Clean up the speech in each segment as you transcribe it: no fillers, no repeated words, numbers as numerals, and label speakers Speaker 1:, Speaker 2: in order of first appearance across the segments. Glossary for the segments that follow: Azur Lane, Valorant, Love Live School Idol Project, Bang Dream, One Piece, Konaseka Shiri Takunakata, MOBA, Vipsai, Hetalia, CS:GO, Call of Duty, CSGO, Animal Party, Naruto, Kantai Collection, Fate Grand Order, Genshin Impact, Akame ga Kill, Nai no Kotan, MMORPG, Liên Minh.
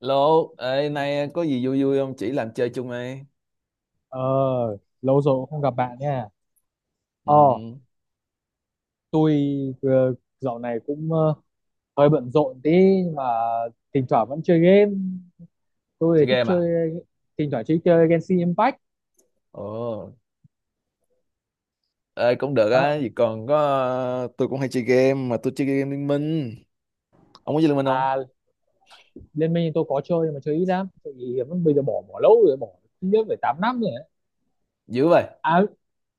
Speaker 1: Lô, ê, nay có gì vui vui không? Chỉ làm chơi chung đi.
Speaker 2: Ờ, lâu rồi cũng không gặp bạn nha.
Speaker 1: Ừ,
Speaker 2: Ờ, tôi vừa- dạo này cũng hơi bận rộn tí nhưng mà thỉnh thoảng vẫn chơi game. Tôi thì
Speaker 1: chơi
Speaker 2: thích
Speaker 1: game à?
Speaker 2: chơi thỉnh thoảng chơi chơi Genshin Impact.
Speaker 1: Ồ, ê, cũng được
Speaker 2: À,
Speaker 1: á. Vì còn có, tôi cũng hay chơi game, mà tôi chơi game Liên Minh. Ông có chơi Liên Minh không?
Speaker 2: à, Liên Minh thì tôi có chơi nhưng mà chơi ít lắm. Tại vì vẫn bây giờ bỏ bỏ lâu rồi, bỏ ít nhất phải 8 năm rồi đấy.
Speaker 1: Dữ vậy.
Speaker 2: À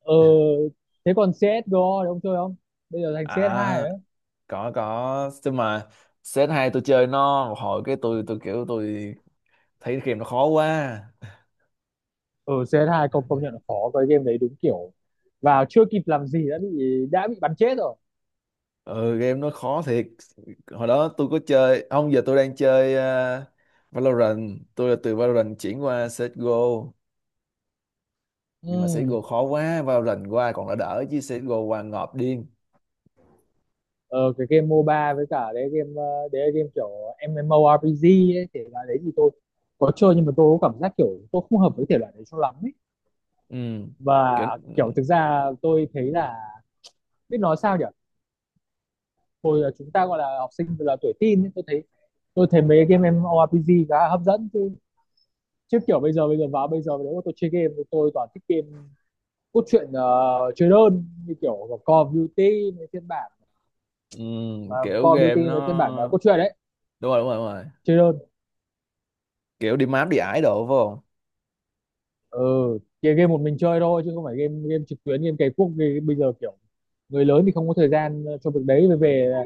Speaker 2: ờ Thế còn CS:GO thì ông chơi không? Bây giờ thành CS2
Speaker 1: À,
Speaker 2: rồi đấy.
Speaker 1: có, có. Chứ mà set hai tôi chơi nó, một hồi cái tôi kiểu tôi thấy game nó khó quá.
Speaker 2: Ừ, cs hai công công nhận là khó, cái game đấy đúng kiểu vào chưa kịp làm gì đã bị bắn chết rồi.
Speaker 1: Ừ, game nó khó thiệt. Hồi đó tôi có chơi, không giờ tôi đang chơi Valorant. Tôi là từ Valorant chuyển qua CSGO. Nhưng mà
Speaker 2: Ừ.
Speaker 1: CSGO khó quá, Valorant qua còn đã đỡ chứ CSGO qua ngợp điên.
Speaker 2: ờ, cái game MOBA với cả đấy game đấy là game kiểu MMORPG ấy, thể loại đấy thì tôi có chơi nhưng mà tôi có cảm giác kiểu tôi không hợp với thể loại đấy cho lắm ấy.
Speaker 1: Ừ.
Speaker 2: Và
Speaker 1: Kiểu
Speaker 2: kiểu thực ra tôi thấy là biết nói sao nhỉ, hồi là chúng ta gọi là học sinh là tuổi teen ấy, tôi thấy mấy game MMORPG khá là hấp dẫn chứ, chứ kiểu bây giờ nếu mà tôi chơi game thì tôi toàn thích game cốt truyện, chơi đơn như kiểu Call of Duty với phiên bản
Speaker 1: ừ.
Speaker 2: mà
Speaker 1: Kiểu
Speaker 2: Call of
Speaker 1: game
Speaker 2: Duty với phiên bản
Speaker 1: nó
Speaker 2: cốt truyện đấy,
Speaker 1: đúng rồi, đúng rồi, đúng rồi.
Speaker 2: chơi đơn.
Speaker 1: Kiểu đi map đi ải đồ phải không?
Speaker 2: Ừ, chơi game một mình chơi thôi chứ không phải game game trực tuyến game cày cuốc game, bây giờ kiểu người lớn thì không có thời gian cho việc đấy, về về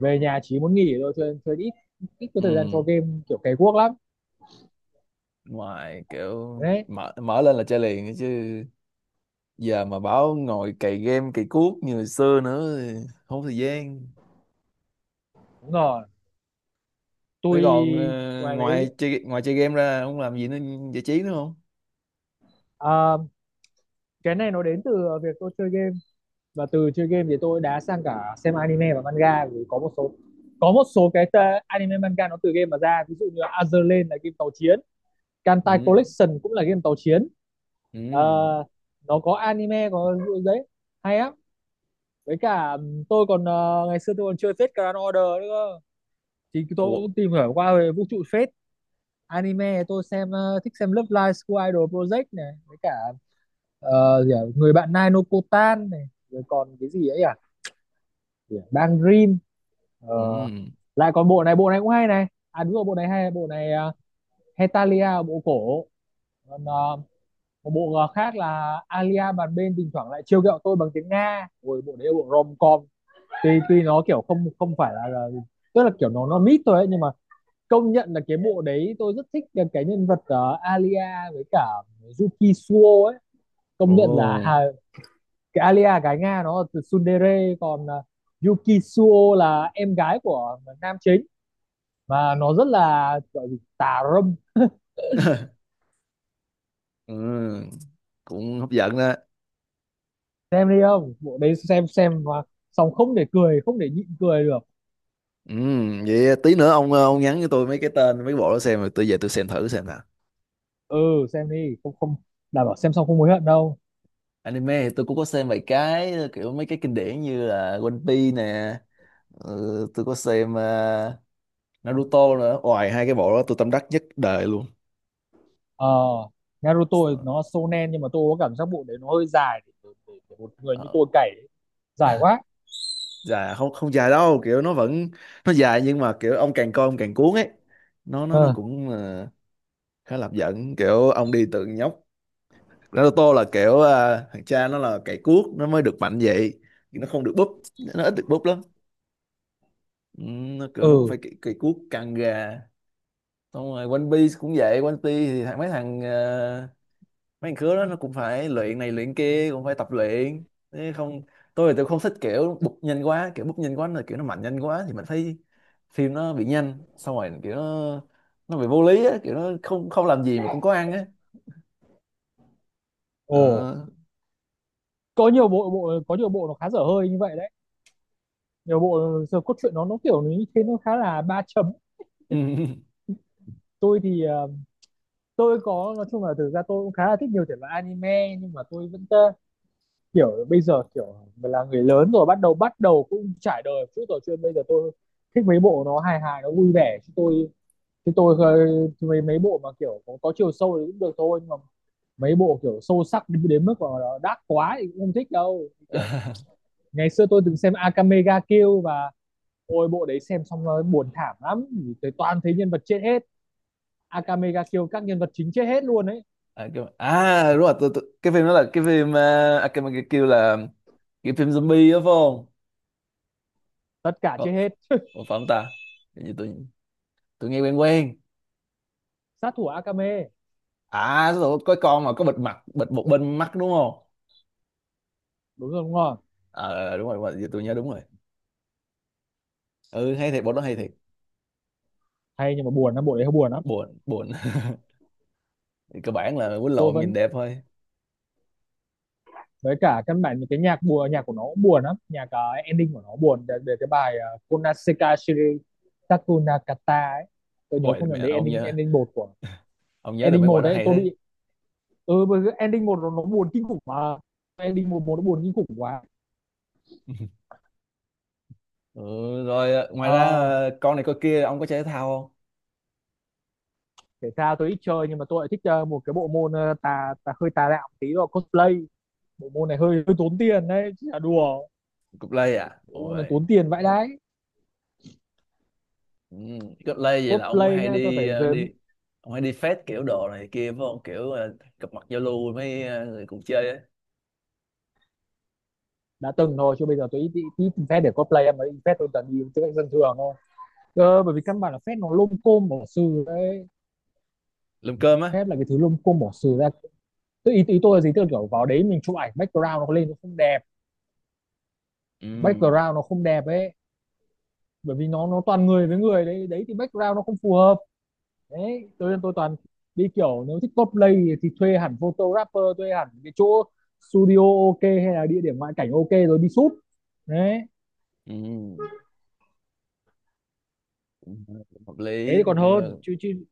Speaker 2: về nhà chỉ muốn nghỉ thôi, cho nên chơi ít, ít có thời gian cho
Speaker 1: Ừ.
Speaker 2: game kiểu cày cuốc lắm.
Speaker 1: Ngoài kiểu
Speaker 2: Đấy,
Speaker 1: mở mở lên là chơi liền ấy chứ, giờ mà bảo ngồi cày game cày cuốc như hồi xưa nữa thì không có thời gian.
Speaker 2: đúng rồi.
Speaker 1: Thế
Speaker 2: Tôi
Speaker 1: còn
Speaker 2: ngoài
Speaker 1: ngoài
Speaker 2: mấy,
Speaker 1: chơi, game ra không làm gì nữa, giải trí nữa không?
Speaker 2: à, cái này nó đến từ việc tôi chơi game, và từ chơi game thì tôi đã sang cả xem anime và manga vì có một số cái anime manga nó từ game mà ra, ví dụ như Azur Lane là game tàu chiến, Kantai
Speaker 1: Ừ.
Speaker 2: Collection cũng là game tàu chiến. Ờ,
Speaker 1: Ừ.
Speaker 2: nó có anime có, đấy, hay lắm. Với cả tôi còn ngày xưa tôi còn chơi Fate Grand Order nữa cơ. Thì tôi
Speaker 1: Ủa?
Speaker 2: cũng tìm hiểu qua về vũ trụ Fate. Anime tôi xem thích xem Love Live School Idol Project này, với cả ờ, gì à? Người bạn Nai no Kotan này, rồi còn cái gì ấy à, gì à? Bang Dream. Ờ,
Speaker 1: Ừ.
Speaker 2: lại còn bộ này, bộ này cũng hay này, à đúng rồi bộ này hay, bộ này Hetalia bộ cổ, còn một bộ khác là Alia bàn bên thỉnh thoảng lại trêu ghẹo tôi bằng tiếng Nga. Ôi, bộ đấy là bộ rom com, tuy tuy nó kiểu không không phải là, tức là kiểu nó mít thôi ấy, nhưng mà công nhận là cái bộ đấy tôi rất thích cái nhân vật Alia với cả Yuki Suo ấy, công nhận là
Speaker 1: Ồ.
Speaker 2: hà, cái Alia gái Nga nó là từ tsundere, còn Yuki Suo là em gái của nam chính và nó rất là gọi gì tà râm.
Speaker 1: Ừ, cũng hấp dẫn đó.
Speaker 2: Xem đi, không bộ đấy xem mà, xong không để cười không để nhịn cười được.
Speaker 1: Ừ, vậy tí nữa ông nhắn cho tôi mấy cái tên mấy cái bộ đó, xem rồi tôi về tôi xem thử xem nào.
Speaker 2: Ừ, xem đi, không không đảm bảo xem xong không hối hận đâu.
Speaker 1: Anime thì tôi cũng có xem vài cái kiểu mấy cái kinh điển như là One Piece nè. Ừ, tôi có xem Naruto nữa, ngoài hai cái bộ đó tôi tâm đắc nhất đời luôn.
Speaker 2: Ờ, Naruto nó shonen nhưng mà tôi có cảm giác bộ đấy nó hơi dài để, một người như
Speaker 1: Ờ,
Speaker 2: tôi cày ấy. Dài quá.
Speaker 1: dài không, không dài đâu, kiểu nó vẫn, nó dài nhưng mà kiểu ông càng coi ông càng cuốn ấy. Nó
Speaker 2: Ờ.
Speaker 1: cũng khá là hấp dẫn, kiểu ông đi từ nhóc. Naruto là kiểu thằng cha nó là cày cuốc nó mới được mạnh vậy, nó không được búp, nó ít được búp lắm. Ừ, nó kiểu nó cũng
Speaker 2: Ừ.
Speaker 1: phải cày cuốc căng gà. Xong rồi One Piece cũng vậy, One Piece thì thằng mấy thằng à, mấy thằng khứa đó nó cũng phải luyện này luyện kia, cũng phải tập luyện thế không. Tôi thì tôi không thích kiểu búp nhanh quá, kiểu búp nhanh quá là kiểu nó mạnh nhanh quá thì mình thấy phim nó bị nhanh, xong rồi kiểu nó bị vô lý á, kiểu nó không không làm gì mà cũng có ăn á.
Speaker 2: Ồ,
Speaker 1: Đó.
Speaker 2: có nhiều bộ, có nhiều bộ nó khá dở hơi như vậy đấy, nhiều bộ giờ cốt truyện nó kiểu như thế nó khá là ba chấm. Tôi thì tôi có nói chung là thực ra tôi cũng khá là thích nhiều thể loại anime, nhưng mà tôi vẫn kiểu bây giờ kiểu mình là người lớn rồi, bắt đầu cũng trải đời một chút rồi, chứ bây giờ tôi thích mấy bộ nó hài hài nó vui vẻ, chứ tôi mấy mấy bộ mà kiểu có, chiều sâu thì cũng được thôi, nhưng mà mấy bộ kiểu sâu sắc đến, mức mà nó đắt quá thì cũng không thích đâu. Kiểu ngày xưa tôi từng xem Akame ga Kill, và ôi bộ đấy xem xong nó buồn thảm lắm, tới toàn thấy nhân vật chết hết. Akame ga Kill các nhân vật chính chết hết luôn ấy,
Speaker 1: À, đúng rồi tôi, cái phim đó là cái phim cái kêu là cái phim zombie đó phải không?
Speaker 2: tất cả
Speaker 1: Ờ,
Speaker 2: chết hết.
Speaker 1: Ủa phải không ta? Hình như tôi nghe quen quen.
Speaker 2: Sát thủ Akame.
Speaker 1: À, tôi có con mà có bịt mặt, bịt một bên mắt đúng không?
Speaker 2: Đúng rồi, đúng rồi.
Speaker 1: Ờ đúng rồi, giờ tôi nhớ đúng rồi. Ừ hay thiệt, bộ đó hay thiệt.
Speaker 2: Hay nhưng mà buồn lắm, bộ đấy hơi buồn lắm.
Speaker 1: Buồn, buồn. Thì cơ bản là quýnh
Speaker 2: Tôi
Speaker 1: lộn
Speaker 2: vẫn
Speaker 1: nhìn đẹp thôi.
Speaker 2: với cả căn bản những cái nhạc buồn, nhạc của nó cũng buồn lắm, nhạc ending của nó buồn, để, cái bài Konaseka Shiri Takunakata ấy, tôi nhớ
Speaker 1: Ôi
Speaker 2: không
Speaker 1: mẹ,
Speaker 2: nhầm đấy, ending ending một của,
Speaker 1: ông nhớ được
Speaker 2: ending
Speaker 1: mấy
Speaker 2: một
Speaker 1: quả đó
Speaker 2: đấy
Speaker 1: hay
Speaker 2: tôi
Speaker 1: thế.
Speaker 2: bị. Ừ, bởi ending một nó, buồn kinh khủng mà, ending một một nó buồn kinh khủng quá.
Speaker 1: Ừ rồi, ngoài ra
Speaker 2: Ờ,
Speaker 1: con này con kia ông có chơi thể thao không?
Speaker 2: thể thao tôi ít chơi nhưng mà tôi lại thích một cái bộ môn tà hơi tà đạo tí, đó cosplay, bộ môn này hơi hơi tốn tiền đấy chứ là đùa,
Speaker 1: Cục lây à?
Speaker 2: bộ môn này
Speaker 1: Ôi.
Speaker 2: tốn tiền vãi đái.
Speaker 1: Ừ. Cách Lê vậy là ông có
Speaker 2: Cosplay
Speaker 1: hay
Speaker 2: nhá, tôi
Speaker 1: đi
Speaker 2: phải
Speaker 1: ờ, đi ông hay đi fest kiểu đồ này kia phải không, kiểu gặp mặt giao lưu với mấy người cùng chơi á?
Speaker 2: đã từng thôi, chứ bây giờ tôi ít, phép để cosplay em ấy phép tôi toàn đi tư cách dân thường thôi. Ờ, bởi vì căn bản là phép nó lôm côm bỏ sừ đấy,
Speaker 1: Lùm cơm á.
Speaker 2: phép là cái thứ lôm côm bỏ sừ ra. Tôi ý tôi là gì, tôi kiểu vào đấy mình chụp ảnh background nó lên nó không đẹp,
Speaker 1: Ừ.
Speaker 2: background nó không đẹp ấy, bởi vì nó toàn người với người đấy, đấy thì background nó không phù hợp. Đấy tôi nên tôi toàn đi kiểu nếu thích cosplay thì thuê hẳn photographer, thuê hẳn cái chỗ studio ok, hay là địa điểm ngoại cảnh ok rồi đi shoot đấy,
Speaker 1: Ừ. Cũng hợp
Speaker 2: thế thì
Speaker 1: lý
Speaker 2: còn hơn
Speaker 1: như
Speaker 2: chứ chứ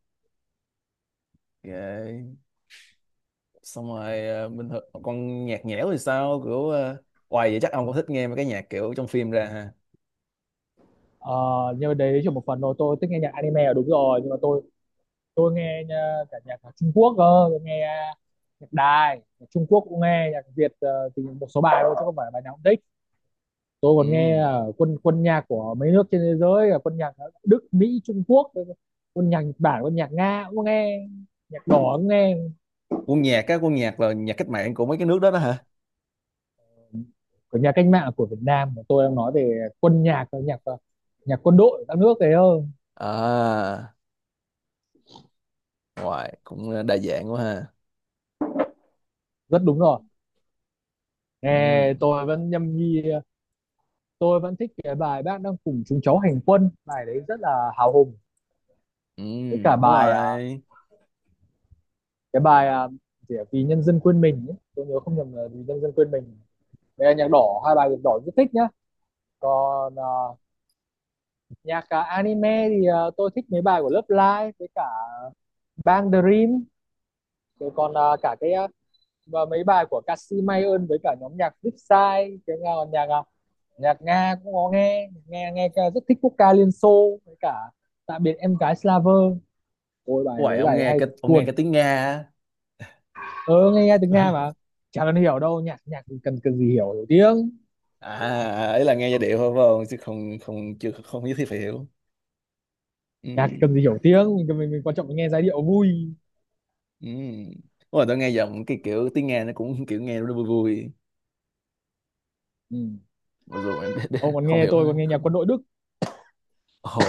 Speaker 1: xong rồi. Ờ, bình thường con nhạc nhẽo thì sao, kiểu hoài vậy chắc ông cũng thích nghe mấy cái nhạc kiểu trong phim ra ha?
Speaker 2: Ờ, nhưng mà đấy chỉ một phần thôi, tôi thích nghe nhạc anime là đúng rồi, nhưng mà tôi nghe cả nhạc Trung Quốc cơ, tôi nghe nhạc Đài, nhạc Trung Quốc cũng nghe, nhạc Việt thì một số bài thôi chứ không phải bài nào cũng thích. Tôi
Speaker 1: Ừ.
Speaker 2: còn nghe quân quân nhạc của mấy nước trên thế giới, là quân nhạc Đức, Mỹ, Trung Quốc, quân nhạc Nhật Bản, quân nhạc Nga cũng nghe, nhạc đỏ cũng nghe.
Speaker 1: Quân nhạc á, quân nhạc là nhạc cách mạng của mấy cái nước đó đó hả?
Speaker 2: Của nhà cách mạng của Việt Nam, tôi đang nói về quân nhạc nhạc nhạc quân đội các nước thế thôi.
Speaker 1: À, ngoài cũng đa dạng quá ha.
Speaker 2: Rất đúng rồi,
Speaker 1: Ừ.
Speaker 2: nghe tôi vẫn nhâm nhi. Tôi vẫn thích cái bài Bác Đang Cùng Chúng Cháu Hành Quân, bài đấy rất là hào hùng,
Speaker 1: Ừ.
Speaker 2: với cả
Speaker 1: Đúng
Speaker 2: bài à,
Speaker 1: rồi.
Speaker 2: cái bài à, gì ạ? Vì Nhân Dân Quên Mình ấy, tôi nhớ không nhầm là Vì Nhân Dân Quên Mình, với cả nhạc đỏ, 2 bài nhạc đỏ rất thích nhá. Còn nhạc anime thì tôi thích mấy bài của Love Live với cả Bang Dream, rồi còn và mấy bài của ca sĩ Mai Ơn với cả nhóm nhạc Vipsai, cái nhà nhạc nhạc Nga cũng có nghe, nghe rất thích quốc ca Liên Xô với cả Tạm Biệt Em Gái Slaver. Ôi bài,
Speaker 1: Uầy,
Speaker 2: mấy
Speaker 1: ông
Speaker 2: bài
Speaker 1: nghe
Speaker 2: hay
Speaker 1: cái
Speaker 2: thật
Speaker 1: ông nghe cái
Speaker 2: cuồn.
Speaker 1: tiếng Nga á.
Speaker 2: Ơ ờ nghe, nghe tiếng Nga mà, chả cần hiểu đâu, nhạc nhạc cần cần gì hiểu, tiếng,
Speaker 1: à ấy là nghe giai điệu thôi phải không, chứ không không chưa không nhất thiết phải hiểu. Ừ.
Speaker 2: nhạc cần gì hiểu tiếng, mình quan trọng mình nghe giai điệu vui.
Speaker 1: Ừ. Ủa, tôi nghe giọng cái kiểu tiếng Nga nó cũng kiểu nghe nó vui vui,
Speaker 2: Ừ.
Speaker 1: mặc dù mình biết
Speaker 2: Ông còn
Speaker 1: không
Speaker 2: nghe
Speaker 1: hiểu
Speaker 2: tôi
Speaker 1: hết.
Speaker 2: còn nghe nhạc quân
Speaker 1: Không.
Speaker 2: đội Đức.
Speaker 1: Ồ.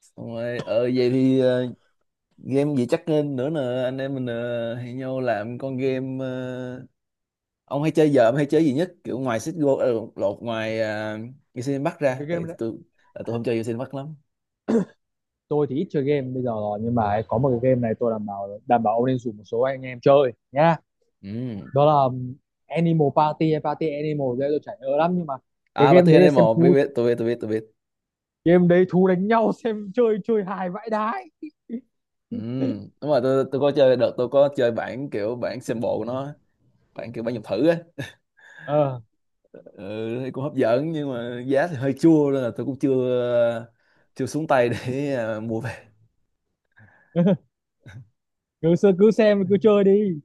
Speaker 1: Xong rồi vậy thì, game gì chắc nên nữa nè, anh em mình hẹn nhau làm con game. Ờ, ông hay chơi gì nhất kiểu ngoài CSGO, lột ngoài Genshin Impact ra,
Speaker 2: Cái
Speaker 1: tại
Speaker 2: game đấy,
Speaker 1: tôi là tôi không chơi Genshin Impact lắm.
Speaker 2: tôi thì ít chơi game bây giờ rồi, nhưng mà có một cái game này tôi đảm bảo, ông nên rủ một số anh em chơi nhá,
Speaker 1: Ừ.
Speaker 2: đó là Animal Party hay Party Animal đấy, tôi chảy nhớ lắm nhưng mà cái
Speaker 1: À, bà
Speaker 2: game đấy là
Speaker 1: Tiên
Speaker 2: xem
Speaker 1: M1 biết,
Speaker 2: thú,
Speaker 1: tôi biết, tôi biết, tôi biết.
Speaker 2: game đấy thú đánh nhau. Xem chơi, chơi hài vãi đái.
Speaker 1: Ừ. Đúng rồi, tôi có chơi, đợt tôi có chơi bản kiểu sample của nó, bản kiểu dùng thử á.
Speaker 2: Ờ à.
Speaker 1: Ừ, thì cũng hấp dẫn nhưng mà giá thì hơi chua, nên là tôi cũng chưa chưa xuống tay để mua về.
Speaker 2: Cứ cứ xem cứ chơi đi,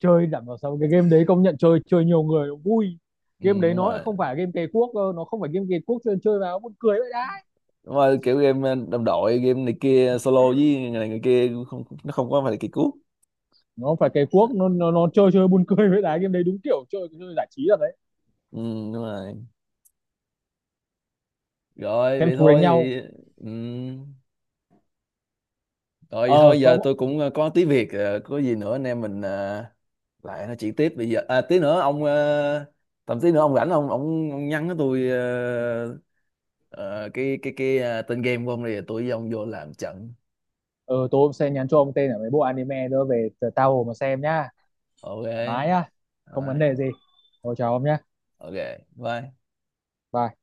Speaker 2: chơi đảm bảo sao cái game đấy công nhận chơi, chơi nhiều người vui.
Speaker 1: Ừ,
Speaker 2: Game đấy
Speaker 1: đúng
Speaker 2: nó lại
Speaker 1: rồi.
Speaker 2: không phải game cày cuốc, nó không phải game cày cuốc, chơi chơi vào buồn cười vậy đấy,
Speaker 1: Đúng rồi, kiểu game đồng đội game này kia solo với người này người kia cũng không, nó không có phải là kỳ cú.
Speaker 2: nó phải cày cuốc, nó, chơi chơi buồn cười vậy đấy, game đấy đúng kiểu chơi chơi giải trí rồi đấy.
Speaker 1: Ừ, đúng rồi. Rồi
Speaker 2: Xem
Speaker 1: vậy
Speaker 2: thú đánh
Speaker 1: thôi
Speaker 2: nhau.
Speaker 1: thì. Ừ. Rồi vậy
Speaker 2: Ờ
Speaker 1: thôi,
Speaker 2: có.
Speaker 1: giờ tôi cũng có tí việc, có gì nữa anh em mình lại nói chuyện tiếp. Bây giờ tí nữa ông ờ, tầm tí nữa ông rảnh, ông nhắn cho tôi tên game của ông đi, tôi với ông vô làm trận.
Speaker 2: Ờ tôi sẽ nhắn cho ông tên ở mấy bộ anime nữa về tao hồ mà xem nhá, thoải mái
Speaker 1: Ok.
Speaker 2: nhá, không vấn đề
Speaker 1: Đấy.
Speaker 2: gì. Thôi chào ông nhá.
Speaker 1: Ok. Bye.
Speaker 2: Bye.